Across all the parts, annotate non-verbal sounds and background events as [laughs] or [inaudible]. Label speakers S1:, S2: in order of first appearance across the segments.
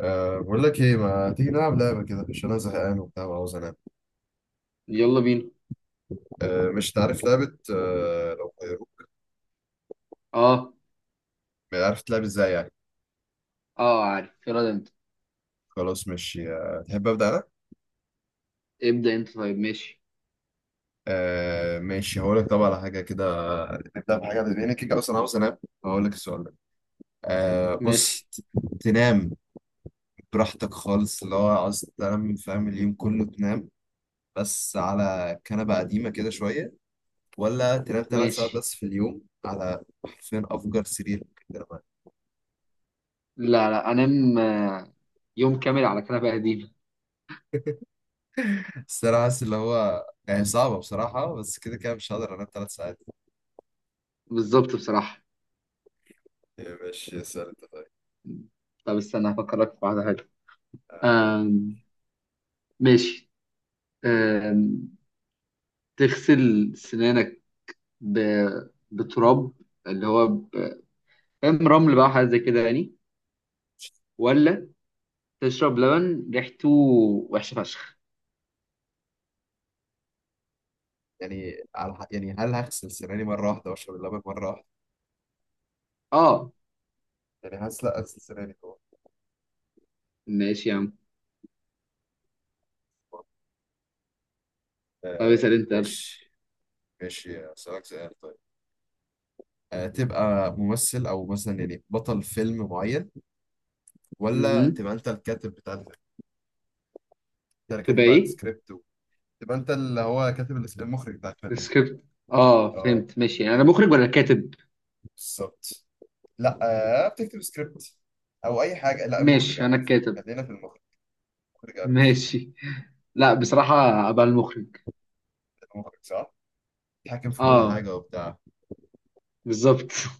S1: بقول لك ايه ما تيجي نلعب لعبه كده عشان انا زهقان وبتاع وعاوز انام.
S2: يلا بينا.
S1: مش تعرف لعبه. لو
S2: اه،
S1: عارف تلعب ازاي يعني.
S2: اه، عارف، يلا ده انت.
S1: خلاص ماشي، تحب ابدا انا؟
S2: ابدأ انت، طيب. ماشي،
S1: ماشي، هقول لك طبعا على حاجه كده. نبدا بحاجه لان كده اصلا عاوز انام. هقول لك السؤال ده. بص،
S2: ماشي،
S1: تنام براحتك خالص، اللي هو عاوز تنام، فاهم، اليوم كله تنام، بس على كنبه قديمه كده شويه، ولا تنام 3 ساعات
S2: ماشي.
S1: بس في اليوم على حرفيا افجر سرير ممكن تنام.
S2: لا لا، انام. يوم كامل على كنبة قديمة.
S1: بس انا حاسس اللي هو يعني صعبة بصراحة، بس كده كده مش هقدر انام 3 ساعات.
S2: بالظبط، بصراحة.
S1: يعني ماشي، اسأل انت طيب.
S2: طب استنى هفكرك في واحدة حلوة. آم، ماشي. آم، تغسل سنانك ب... بتراب، اللي هو فاهم، رمل بقى حاجة زي كده يعني؟ ولا تشرب لبن ريحته وحشة فشخ؟
S1: يعني على يعني هل هغسل سناني مرة واحدة واشرب اللبن مرة واحدة؟
S2: اه.
S1: يعني حاسس لا، اغسل سناني طبعا.
S2: ماشي يا عم. طب
S1: آه.
S2: اسأل انت، يلا.
S1: ماشي. ماشي اسألك سؤال طيب. آه، تبقى ممثل او مثلا يعني بطل فيلم معين، ولا
S2: مهم.
S1: تبقى انت الكاتب بتاع الفيلم؟ انت اللي
S2: تبقى
S1: كاتب بقى
S2: ايه؟
S1: السكريبت تبقى انت اللي هو كاتب المخرج بتاع الفيلم.
S2: السكريبت. اه،
S1: اه،
S2: فهمت، ماشي. يعني انا مخرج ولا كاتب؟
S1: بالظبط. لا، آه، بتكتب سكريبت او اي حاجه، لا المخرج
S2: ماشي،
S1: عامه.
S2: انا الكاتب.
S1: خلينا في المخرج. المخرج قرش.
S2: ماشي. لا، بصراحة ابقى المخرج.
S1: المخرج صح، بيتحكم في كل
S2: اه،
S1: حاجه وبتاع.
S2: بالظبط. [laughs]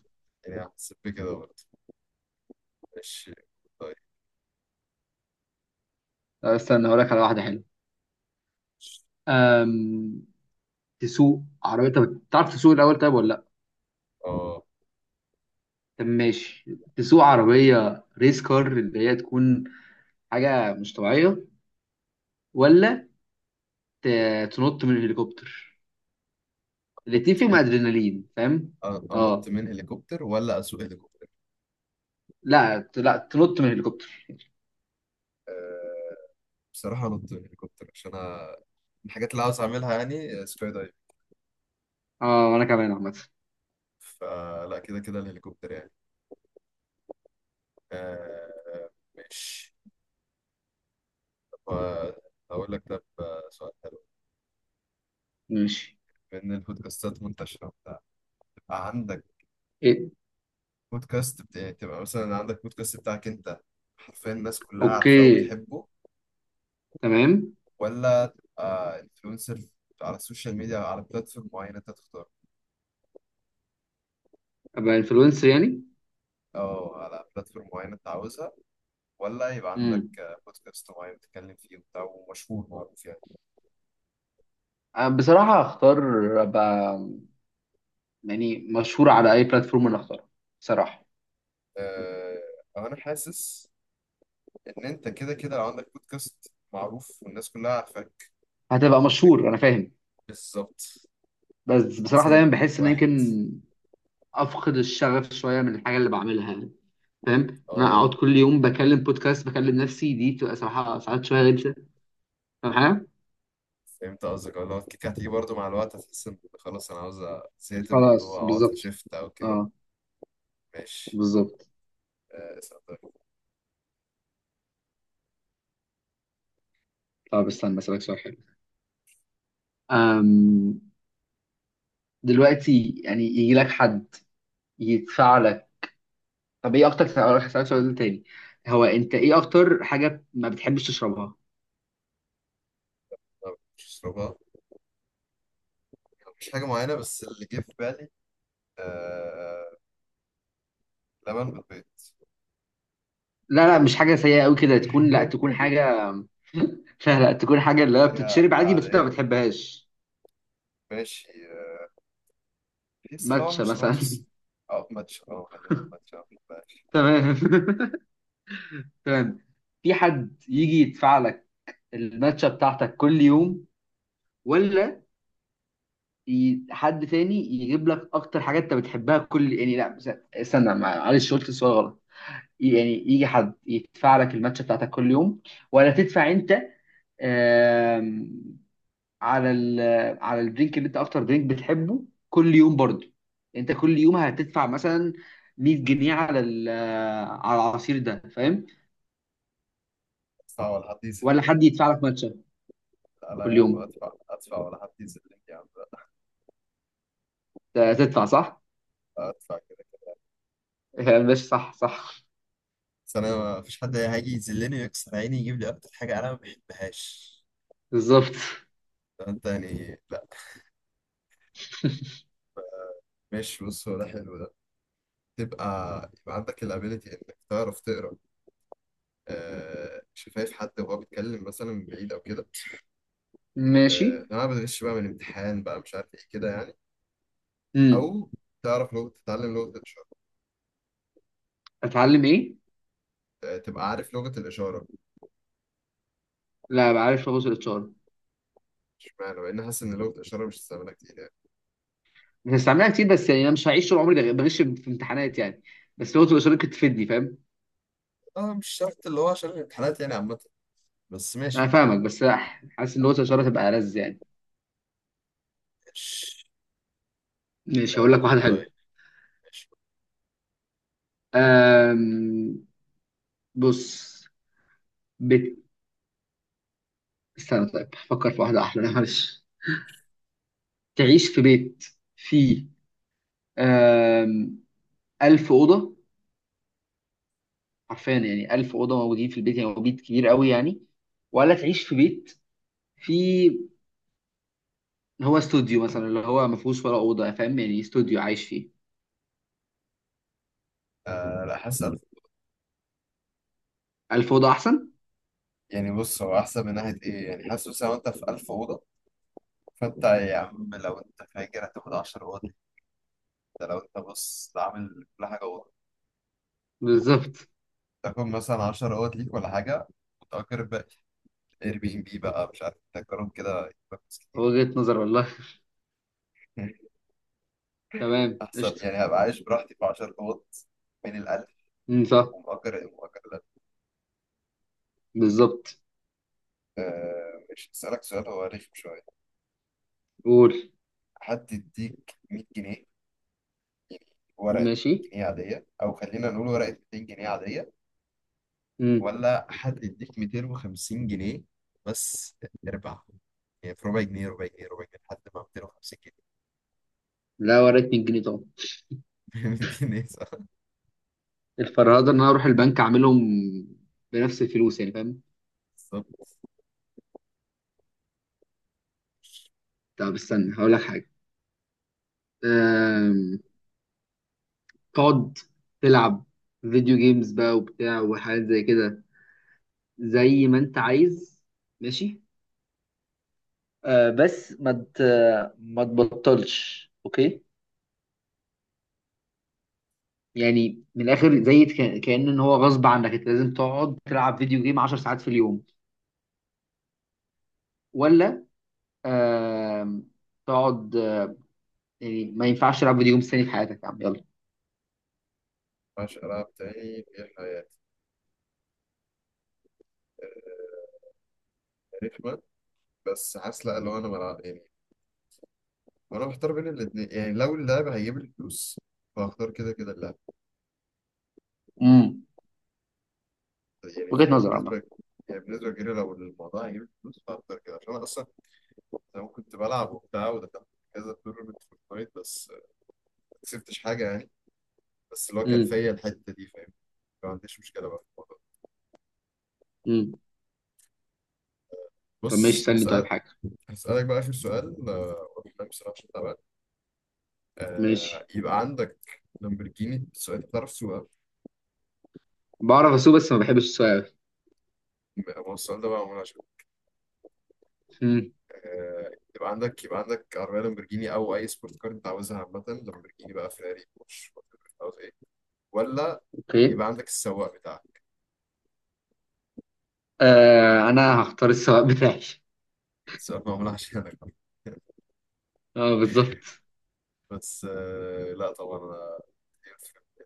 S1: يعني حسيت بكده برضه. ماشي. طيب.
S2: طب استنى هقول لك على واحدة حلوة. أم... تسوق عربية، طب تعرف تسوق الاول طيب ولا لا؟
S1: اه،
S2: طب ماشي، تسوق عربية ريس كار اللي هي تكون حاجة مش طبيعية، ولا ت... تنط من الهليكوبتر؟ الاتنين
S1: انط
S2: فيهم
S1: من
S2: ادرينالين، فاهم.
S1: انط
S2: اه،
S1: من هليكوبتر ولا اسوق هليكوبتر؟
S2: لا لا تنط من الهليكوبتر.
S1: آه، بصراحه انط من هليكوبتر عشان انا من الحاجات اللي عاوز اعملها يعني آه، سكاي دايف.
S2: اه، انا كمان عامة.
S1: فلا كده كده الهليكوبتر يعني. آه، ماشي. طب، آه، اقول لك ده سؤال حلو.
S2: ماشي.
S1: بما ان البودكاستات منتشره وبتاع، تبقى عندك
S2: إيه.
S1: بودكاست بتاعي، تبقى مثلا عندك بودكاست بتاعك انت، حرفيا الناس كلها عارفاه
S2: اوكي،
S1: وبتحبه،
S2: تمام.
S1: ولا تبقى انفلونسر على السوشيال ميديا، على بلاتفورم معينة انت تختار،
S2: ابقى انفلونسر يعني.
S1: او على بلاتفورم معينة انت عاوزها، ولا يبقى عندك
S2: امم،
S1: آه، بودكاست معين بتتكلم فيه وبتاع ومشهور معروف يعني.
S2: بصراحة هختار ابقى يعني مشهور على اي بلاتفورم انا اختارها، بصراحة.
S1: آه، انا حاسس ان انت كده كده لو عندك بودكاست معروف والناس كلها عارفاك،
S2: هتبقى
S1: فانت
S2: مشهور انا فاهم.
S1: بالظبط،
S2: بس
S1: حاسس
S2: بصراحه
S1: ان
S2: دايما
S1: الاتنين
S2: بحس ان
S1: واحد.
S2: يمكن افقد الشغف شويه من الحاجه اللي بعملها يعني. فاهم إن انا
S1: اه،
S2: اقعد كل يوم بكلم بودكاست بكلم نفسي، دي بتبقى صراحه ساعات شويه غلسه، فاهم حاجه.
S1: فهمت قصدك اللي هو الكيك هتيجي برضو مع الوقت، هتحس ان خلاص انا عاوز زهقت من
S2: خلاص،
S1: الموضوع او عاوز
S2: بالظبط.
S1: شيفت او كده.
S2: اه،
S1: ماشي.
S2: بالظبط.
S1: آه صدق.
S2: طب استنى اسألك سؤال حلو. أم، دلوقتي يعني يجي لك حد يدفع لك. طب ايه اكتر، هروح اسالك سؤال تاني. هو انت ايه اكتر حاجه ما بتحبش تشربها؟
S1: طب مش اشربها؟ مش حاجه معينه بس اللي جه في بالي آه، لبن بالبيض.
S2: لا لا، مش حاجه سيئه قوي كده تكون، لا تكون
S1: [laughs]
S2: حاجه. [laughs] لا لا، تكون حاجه اللي هي
S1: حاجه
S2: بتتشرب عادي بس انت ما
S1: عاديه؟
S2: بتحبهاش.
S1: ماشي آه، تحس اللي هو
S2: ماتشا
S1: مشروبات
S2: مثلا. [laughs]
S1: او ماتش، اه خلينا في ماتش أو بلاش.
S2: تمام. [laughs] تمام. في حد يجي يدفع لك الماتشا بتاعتك كل يوم، ولا حد تاني يجيب لك اكتر حاجه انت بتحبها كل يعني، لا استنى معلش، قلت السؤال غلط. يعني يجي حد يدفع لك الماتش بتاعتك كل يوم ولا تدفع انت، آم، على ال، على الدرينك اللي انت اكتر درينك بتحبه كل يوم برضه. انت كل يوم هتدفع مثلا 100 جنيه على ال-، على العصير ده، فاهم؟
S1: ادفع ولا حد يذلني؟
S2: ولا حد يدفع لك ماتشة
S1: لا لا
S2: كل
S1: يا عم،
S2: يوم.
S1: ادفع، ادفع ولا حد يذلني يا عم.
S2: ده تدفع صح.
S1: لا، ادفع كده كده.
S2: [laughs] ماشي، صح، صح.
S1: بس انا ما فيش حد هيجي يذلني ويكسر عيني يجيب لي اكتر حاجه انا ما بحبهاش.
S2: بالظبط.
S1: انت يعني لا، مش بص، هو ده حلو، ده تبقى يبقى عندك الابيلتي انك تعرف تقرا آه شفايف حد وهو بيتكلم مثلا من بعيد او كده.
S2: ماشي.
S1: آه لو انا بتغش بقى من امتحان بقى مش عارف ايه كده يعني، او
S2: امم.
S1: تعرف لغه، تتعلم لغه الاشاره.
S2: اتعلم ايه؟
S1: آه، تبقى عارف لغه الاشاره.
S2: لا، بعرف ابص الاتش ار.
S1: اشمعنى؟ مع ان حاسس ان لغه الاشاره مش استعمالها كتير يعني.
S2: بستعملها كتير بس يعني انا مش هعيش طول عمري بغش في امتحانات يعني. بس لغه الاشاره ممكن تفيدني، فاهم.
S1: اه مش شرط اللي هو عشان الامتحانات يعني عامه. بس
S2: انا
S1: ماشي.
S2: فاهمك بس حاسس ان لغه الاشاره تبقى لذ يعني.
S1: مش
S2: ماشي، هقول لك
S1: اقول
S2: واحده حلوه.
S1: طيب. ماشي.
S2: أم... بص، بيت، استنى طيب، فكر في واحده احلى. لا، معلش. تعيش في بيت فيه أم... 1000 أوضة، حرفيا يعني 1000 أوضة موجودين في البيت، يعني هو بيت كبير قوي يعني. ولا تعيش في بيت فيه، هو استوديو مثلا اللي هو ما فيهوش ولا أوضة، فاهم يعني استوديو عايش فيه.
S1: آه لا، حاسس ألف.
S2: 1000 أوضة أحسن.
S1: يعني بص، هو احسن من ناحيه ايه؟ يعني حاسس مثلا وانت في 1000 اوضه، فانت يا عم لو انت فاكر هتاخد 10 اوض ليك. ده لو انت بص عامل كل حاجه اوضه،
S2: بالظبط،
S1: تاخد مثلا 10 اوض ليك ولا حاجه، وتأجر بقى اير بي ام بي بقى مش عارف، تأجرهم كده يبقى فلوس كتير.
S2: وجهة نظر والله.
S1: [laughs]
S2: تمام،
S1: احسن،
S2: قشطة.
S1: يعني هبقى عايش براحتي في 10 اوض بين الالف،
S2: امم، صح.
S1: ومأجر مؤجر الالف.
S2: بالظبط.
S1: مش هسألك سؤال هو رخم شويه.
S2: قول.
S1: حد يديك 100 جنيه، ورقه 100
S2: ماشي.
S1: جنيه عاديه، او خلينا نقول ورقه 200 جنيه عاديه،
S2: امم.
S1: ولا حد يديك 250 جنيه بس اربع، يعني في ربع جنيه ربع جنيه ربع جنيه لحد ما 250 جنيه.
S2: لا، وريت 100 جنيه طبعا.
S1: [laughs] 200 جنيه صح،
S2: الفرهدة ان انا اروح البنك اعملهم بنفس الفلوس يعني، فاهم.
S1: بالظبط.
S2: طب استنى هقول لك حاجة. أم... تقعد تلعب فيديو جيمز بقى وبتاع وحاجات زي كده زي ما انت عايز، ماشي. أه بس ما تبطلش، اوكي؟ يعني من الاخر، زي كأن ان هو غصب عنك، انت لازم تقعد تلعب فيديو جيم 10 ساعات في اليوم، ولا آم، تقعد، يعني ما ينفعش تلعب فيديو جيمز تاني في حياتك يا عم، يلا؟
S1: مبقاش ألعب تاني في حياتي آه، رخمة. بس حاسس لأ، لو أنا بلعب يعني وأنا محتار بين الاتنين، يعني لو اللعب هيجيب لي فلوس فهختار كده كده اللعب.
S2: امم،
S1: يعني
S2: وجهة نظر عامة.
S1: بالنسبة، يعني بالنسبة كده لو الموضوع هيجيب لي فلوس فهختار كده عشان أنا أصلا زمان كنت بلعب وبتاع ودخلت كذا تورنمنت في الفايت، بس ما كسبتش حاجة يعني. بس اللي هو كانت
S2: امم.
S1: فيا الحته دي، فاهم. ما عنديش مشكله بقى في الموضوع ده.
S2: امم. طب ماشي،
S1: بص
S2: سألني طيب
S1: هسأل.
S2: حاجة.
S1: هسألك بقى آخر سؤال آه، وأنا بصراحة عشان تعبان آه،
S2: ماشي.
S1: يبقى عندك لامبرجيني، السؤال ده بتعرف تسوقها؟
S2: بعرف اسوق بس ما بحبش السواقة أوي.
S1: هو السؤال ده بقى معمول عشان
S2: امم.
S1: آه، يبقى عندك يبقى عندك عربية لامبرجيني أو أي سبورت كار أنت عاوزها عامة، لامبرجيني بقى، فيراري، بورش، whatever، عاوز إيه، ولا
S2: اوكي.
S1: يبقى عندك السواق بتاعك؟
S2: آه، انا هختار السواق بتاعي. [laughs]
S1: السؤال معمول عشانك.
S2: اه، بالظبط.
S1: بس آه، لا طبعا يعني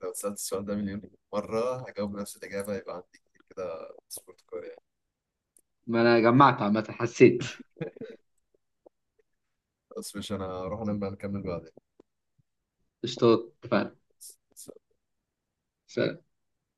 S1: لو سألت السؤال ده مليون مرة هجاوب نفس الإجابة، يبقى عندي كده سبورت كوريا.
S2: ما انا جمعت عامة، حسيت.
S1: بس مش أنا، هروح أنام بقى، نكمل
S2: قشطات، اتفقنا.
S1: بعدين.
S2: سلام.